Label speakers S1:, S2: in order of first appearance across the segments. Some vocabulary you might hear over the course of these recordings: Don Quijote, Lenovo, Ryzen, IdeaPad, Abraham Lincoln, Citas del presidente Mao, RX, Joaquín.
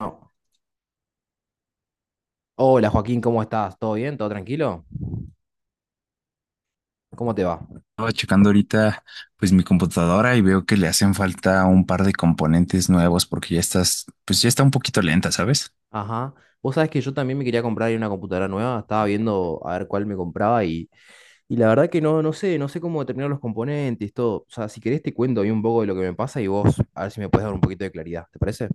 S1: No. Hola Joaquín, ¿cómo estás? ¿Todo bien? ¿Todo tranquilo? ¿Cómo te va?
S2: Estaba checando ahorita pues mi computadora y veo que le hacen falta un par de componentes nuevos porque pues ya está un poquito lenta, ¿sabes?
S1: Ajá. Vos sabés que yo también me quería comprar una computadora nueva, estaba viendo a ver cuál me compraba y la verdad que no, no sé cómo determinar los componentes, todo. O sea, si querés te cuento ahí un poco de lo que me pasa y vos a ver si me puedes dar un poquito de claridad, ¿te parece?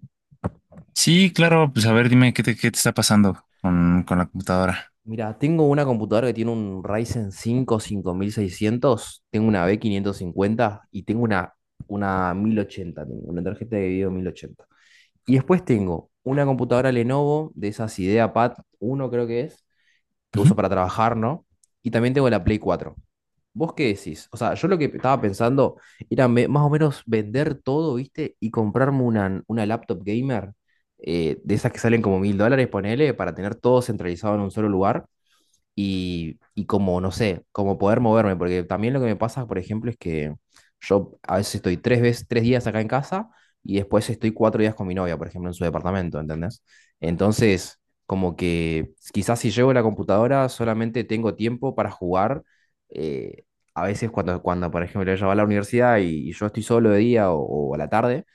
S2: Sí, claro, pues a ver, dime qué te está pasando con la computadora.
S1: Mira, tengo una computadora que tiene un Ryzen 5 5600, tengo una B550 y tengo una 1080, tengo una tarjeta de video 1080. Y después tengo una computadora Lenovo de esas IdeaPad uno creo que es, que
S2: Ujú.
S1: uso para trabajar, ¿no? Y también tengo la Play 4. ¿Vos qué decís? O sea, yo lo que estaba pensando era más o menos vender todo, ¿viste? Y comprarme una laptop gamer, de esas que salen como $1000, ponele, para tener todo centralizado en un solo lugar y como, no sé, como poder moverme, porque también lo que me pasa, por ejemplo, es que yo a veces estoy 3 veces, 3 días acá en casa y después estoy 4 días con mi novia, por ejemplo, en su departamento, ¿entendés? Entonces, como que quizás si llevo la computadora solamente tengo tiempo para jugar. eh, a veces cuando, por ejemplo, ella va a la universidad y yo estoy solo de día o a la tarde,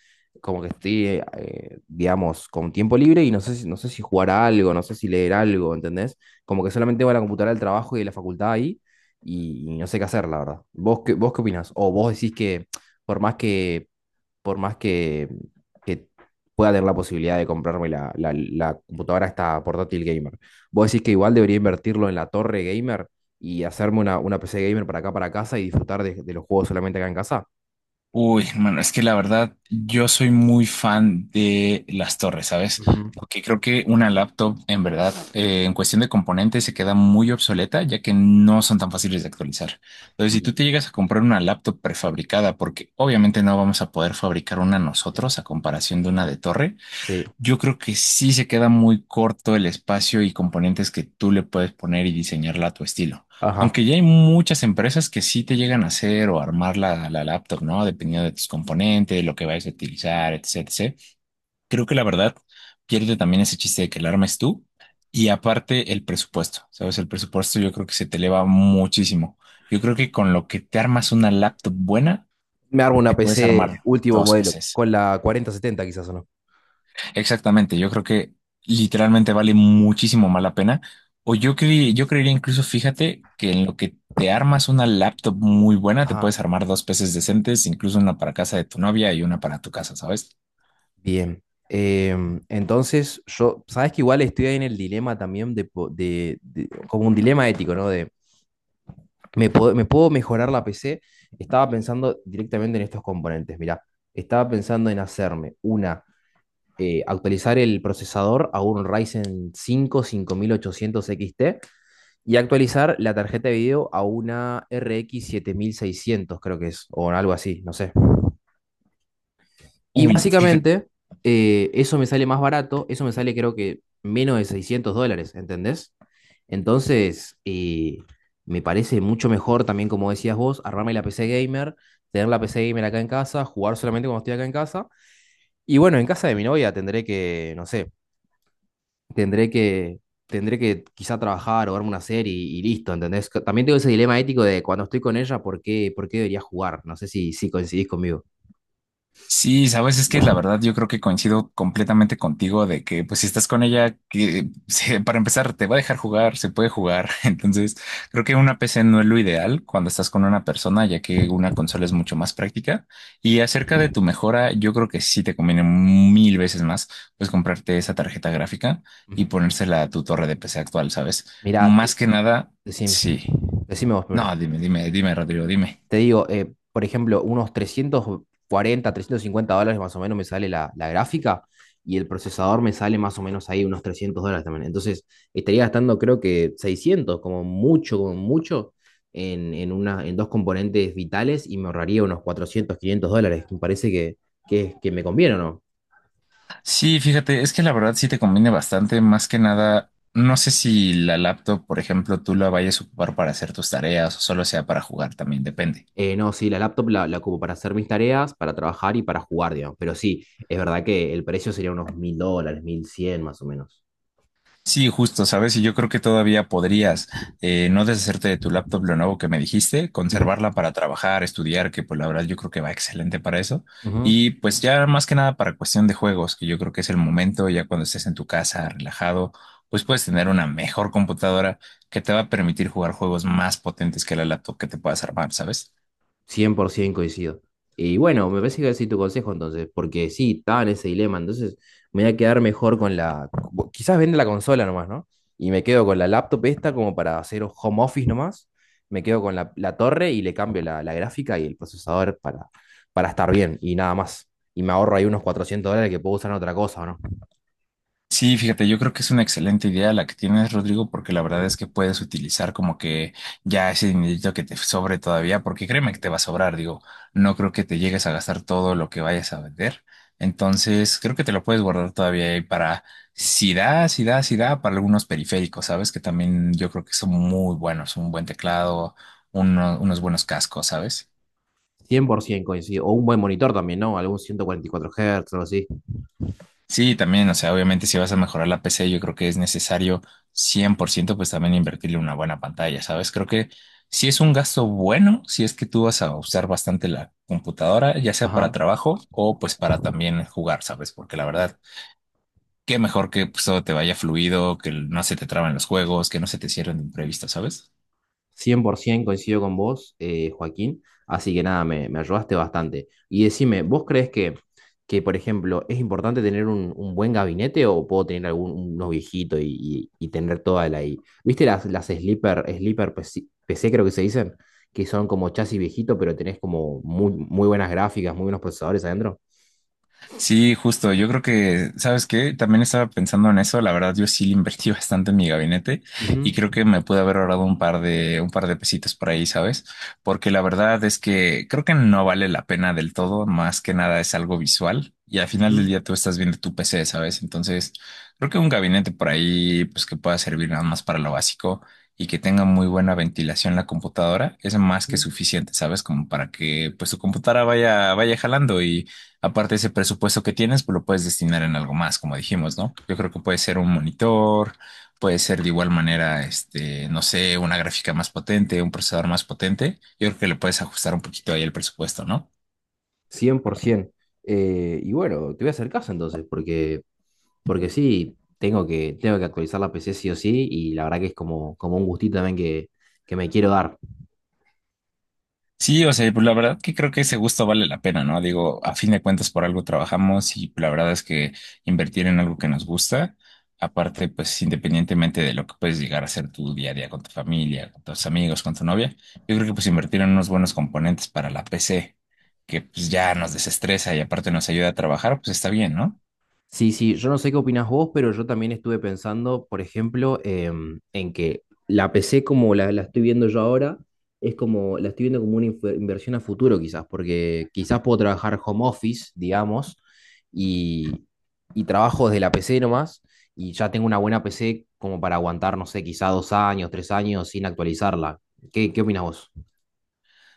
S1: como que estoy, digamos, con tiempo libre y no sé si jugar a algo, no sé si leer algo, ¿entendés? Como que solamente va a la computadora del trabajo y de la facultad ahí y no sé qué hacer, la verdad. ¿Vos qué opinás? O vos decís que por más que, por más que pueda tener la posibilidad de comprarme la computadora esta portátil gamer, vos decís que igual debería invertirlo en la torre gamer y hacerme una PC gamer para acá, para casa y disfrutar de los juegos solamente acá en casa.
S2: Uy, hermano, es que la verdad, yo soy muy fan de las torres, ¿sabes?
S1: Ujú.
S2: Porque creo que una laptop, en verdad, en cuestión de componentes, se queda muy obsoleta, ya que no son tan fáciles de actualizar. Entonces, si
S1: Y
S2: tú te llegas a comprar una laptop prefabricada, porque obviamente no vamos a poder fabricar una
S1: ujú.
S2: nosotros a comparación de una de torre,
S1: Sí,
S2: yo creo que sí se queda muy corto el espacio y componentes que tú le puedes poner y diseñarla a tu estilo.
S1: ajá.
S2: Aunque ya hay muchas empresas que sí te llegan a hacer o armar la laptop, ¿no? Dependiendo de tus componentes, lo que vayas a utilizar, etcétera. Etc. Creo que la verdad pierde también ese chiste de que la armes tú y aparte el presupuesto, ¿sabes? El presupuesto yo creo que se te eleva muchísimo. Yo creo que con lo que te armas una laptop buena,
S1: Me armo
S2: te
S1: una
S2: puedes
S1: PC
S2: armar
S1: último
S2: dos
S1: modelo,
S2: PCs.
S1: con la 4070 quizás o no.
S2: Exactamente, yo creo que literalmente vale muchísimo más la pena. O yo creería incluso, fíjate, que en lo que te armas una laptop muy buena, te
S1: Ajá.
S2: puedes armar dos peces decentes, incluso una para casa de tu novia y una para tu casa, ¿sabes?
S1: Bien. Entonces, yo, sabes que igual estoy ahí en el dilema también de, po- de- como un dilema ético, ¿no? De, ¿me puedo mejorar la PC? Estaba pensando directamente en estos componentes, mirá. Estaba pensando en hacerme actualizar el procesador a un Ryzen 5 5800 XT y actualizar la tarjeta de video a una RX seiscientos creo que es, o algo así, no sé. Y
S2: Uy, fíjate.
S1: básicamente, eso me sale más barato, eso me sale creo que menos de $600, ¿entendés? Entonces, me parece mucho mejor también, como decías vos, armarme la PC gamer, tener la PC gamer acá en casa, jugar solamente cuando estoy acá en casa. Y bueno, en casa de mi novia tendré que, no sé, tendré que, tendré que quizá trabajar o verme una serie y listo, ¿entendés? Que también tengo ese dilema ético de cuando estoy con ella, ¿por qué debería jugar? No sé si coincidís conmigo.
S2: Sí, sabes, es que la verdad yo creo que coincido completamente contigo de que pues si estás con ella, que para empezar te va a dejar jugar, se puede jugar. Entonces, creo que una PC no es lo ideal cuando estás con una persona, ya que
S1: Ujú,
S2: una consola es mucho más práctica. Y acerca de tu mejora, yo creo que sí te conviene mil veces más pues comprarte esa tarjeta gráfica y
S1: ujú.
S2: ponérsela a tu torre de PC actual, ¿sabes?
S1: Mirá,
S2: Más que nada,
S1: Decime,
S2: sí.
S1: decime vos primero.
S2: No, dime, dime, dime, Rodrigo, dime.
S1: Te digo, por ejemplo, unos $340-$350 más o menos me sale la gráfica y el procesador me sale más o menos ahí unos $300 también. Entonces, estaría gastando creo que 600 como mucho, en dos componentes vitales y me ahorraría unos $400-$500. Me parece que me conviene, ¿o no?
S2: Sí, fíjate, es que la verdad sí te conviene bastante, más que nada, no sé si la laptop, por ejemplo, tú la vayas a ocupar para hacer tus tareas o solo sea para jugar, también depende.
S1: No, sí, la laptop la ocupo para hacer mis tareas, para trabajar y para jugar, digamos. Pero sí, es verdad que el precio sería unos $1000, 1100 más o menos.
S2: Sí, justo, ¿sabes? Y yo creo que todavía podrías no deshacerte de tu laptop lo nuevo que me dijiste,
S1: Ujú,
S2: conservarla para trabajar, estudiar, que pues la verdad yo creo que va excelente para eso.
S1: ujú.
S2: Y pues ya más que nada para cuestión de juegos, que yo creo que es el momento, ya cuando estés en tu casa, relajado, pues puedes tener una mejor computadora que te va a permitir jugar juegos más potentes que la laptop que te puedas armar, ¿sabes?
S1: 100% coincido. Y bueno, me parece que voy a seguir tu consejo entonces, porque sí, estaba en ese dilema, entonces me voy a quedar mejor Quizás vende la consola nomás, ¿no? Y me quedo con la laptop esta como para hacer home office nomás, me quedo con la torre y le cambio la gráfica y el procesador para estar bien y nada más. Y me ahorro ahí unos $400 que puedo usar en otra cosa, ¿no?
S2: Sí, fíjate, yo creo que es una excelente idea la que tienes, Rodrigo, porque la verdad es que puedes utilizar como que ya ese dinerito que te sobre todavía, porque créeme que te va a sobrar, digo, no creo que te llegues a gastar todo lo que vayas a vender. Entonces, creo que te lo puedes guardar todavía ahí para si da, para algunos periféricos, ¿sabes? Que también yo creo que son muy buenos, un buen teclado, unos buenos cascos, ¿sabes?
S1: 100% coincido. O un buen monitor también, ¿no? Algún 144 Hz o algo así.
S2: Sí, también, o sea, obviamente si vas a mejorar la PC, yo creo que es necesario 100%, pues también invertirle una buena pantalla, ¿sabes? Creo que sí es un gasto bueno, si es que tú vas a usar bastante la computadora, ya sea para
S1: Ajá.
S2: trabajo o pues para también jugar, ¿sabes? Porque la verdad, qué mejor que pues, todo te vaya fluido, que no se te traban los juegos, que no se te cierren de imprevisto, ¿sabes?
S1: 100% coincido con vos, Joaquín. Así que nada, me ayudaste bastante. Y decime, ¿vos crees que, por ejemplo, es importante tener un buen gabinete o puedo tener algún unos viejitos y tener toda la ahí? ¿Viste las sleeper PC, creo que se dicen? Que son como chasis viejito, pero tenés como muy, muy buenas gráficas, muy buenos procesadores adentro.
S2: Sí, justo. Yo creo que, ¿sabes qué? También estaba pensando en eso. La verdad, yo sí le invertí bastante en mi gabinete
S1: Ujú,
S2: y creo que me pude haber ahorrado un par de pesitos por ahí, ¿sabes? Porque la verdad es que creo que no vale la pena del todo. Más que nada es algo visual y al final del
S1: ujú,
S2: día tú estás viendo tu PC, ¿sabes? Entonces, creo que un gabinete por ahí, pues que pueda servir nada más para lo básico y que tenga muy buena ventilación la computadora es más que
S1: ujú.
S2: suficiente, ¿sabes? Como para que pues tu computadora vaya jalando aparte de ese presupuesto que tienes, pues lo puedes destinar en algo más, como dijimos, ¿no? Yo creo que puede ser un monitor, puede ser de igual manera, este, no sé, una gráfica más potente, un procesador más potente. Yo creo que le puedes ajustar un poquito ahí el presupuesto, ¿no?
S1: 100%. Y bueno, te voy a hacer caso entonces, porque sí, tengo que actualizar la PC sí o sí, y la verdad que es como un gustito también que me quiero dar.
S2: Sí, o sea, pues la verdad que creo que ese gusto vale la pena, ¿no? Digo, a fin de cuentas por algo trabajamos y la verdad es que invertir en algo que nos gusta, aparte, pues independientemente de lo que puedes llegar a hacer tu día a día con tu familia, con tus amigos, con tu novia, yo creo que pues invertir en unos buenos componentes para la PC, que pues ya nos desestresa y aparte nos ayuda a trabajar, pues está bien, ¿no?
S1: Sí, sí, yo no sé qué opinas vos, pero yo también estuve pensando, por ejemplo, en que la PC como la estoy viendo yo ahora, es como, la estoy viendo como una inversión a futuro quizás, porque quizás puedo trabajar home office, digamos, y, y trabajo desde la PC nomás, y ya tengo una buena PC como para aguantar, no sé, quizás 2 años, 3 años sin actualizarla. ¿Qué opinas vos?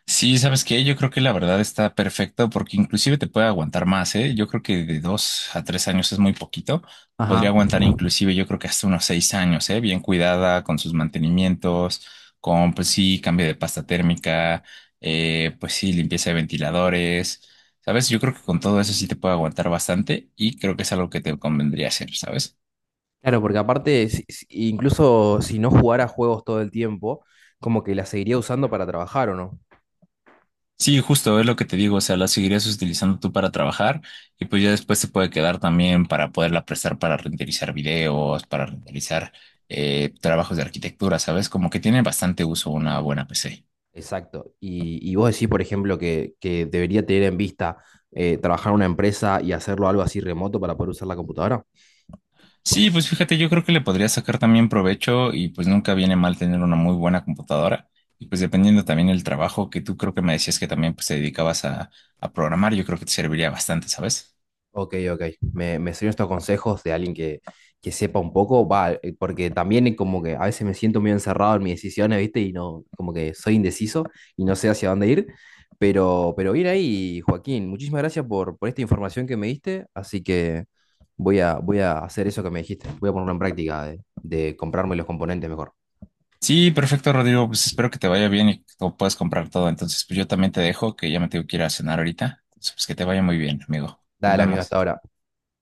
S2: Sí, ¿sabes qué? Yo creo que la verdad está perfecto porque inclusive te puede aguantar más, ¿eh? Yo creo que de 2 a 3 años es muy poquito. Te podría
S1: Ajá.
S2: aguantar inclusive yo creo que hasta unos 6 años, ¿eh? Bien cuidada con sus mantenimientos, con pues sí, cambio de pasta térmica, pues sí, limpieza de ventiladores, ¿sabes? Yo creo que con todo eso sí te puede aguantar bastante y creo que es algo que te convendría hacer, ¿sabes?
S1: Claro, porque aparte, incluso si no jugara juegos todo el tiempo, como que la seguiría usando para trabajar, ¿o no?
S2: Sí, justo es lo que te digo, o sea, la seguirías utilizando tú para trabajar y pues ya después se puede quedar también para poderla prestar para renderizar videos, para renderizar trabajos de arquitectura, ¿sabes? Como que tiene bastante uso una buena PC.
S1: Exacto. Y vos decís, por ejemplo, que debería tener en vista trabajar en una empresa y hacerlo algo así remoto para poder usar la computadora.
S2: Sí, pues fíjate, yo creo que le podría sacar también provecho y pues nunca viene mal tener una muy buena computadora y pues dependiendo también el trabajo que tú creo que me decías que también pues te dedicabas a programar, yo creo que te serviría bastante, ¿sabes?
S1: Ok, ok. Me sirven estos consejos de alguien que sepa un poco, va, porque también como que a veces me siento muy encerrado en mis decisiones, ¿viste? Y no, como que soy indeciso y no sé hacia dónde ir. Pero bien ahí, Joaquín, muchísimas gracias por esta información que me diste. Así que voy a hacer eso que me dijiste. Voy a ponerlo en práctica de comprarme los componentes mejor.
S2: Sí, perfecto, Rodrigo. Pues espero que te vaya bien y que tú puedas comprar todo. Entonces, pues yo también te dejo, que ya me tengo que ir a cenar ahorita. Entonces, pues que te vaya muy bien, amigo. Nos
S1: Dale, amigo, hasta
S2: vemos.
S1: ahora.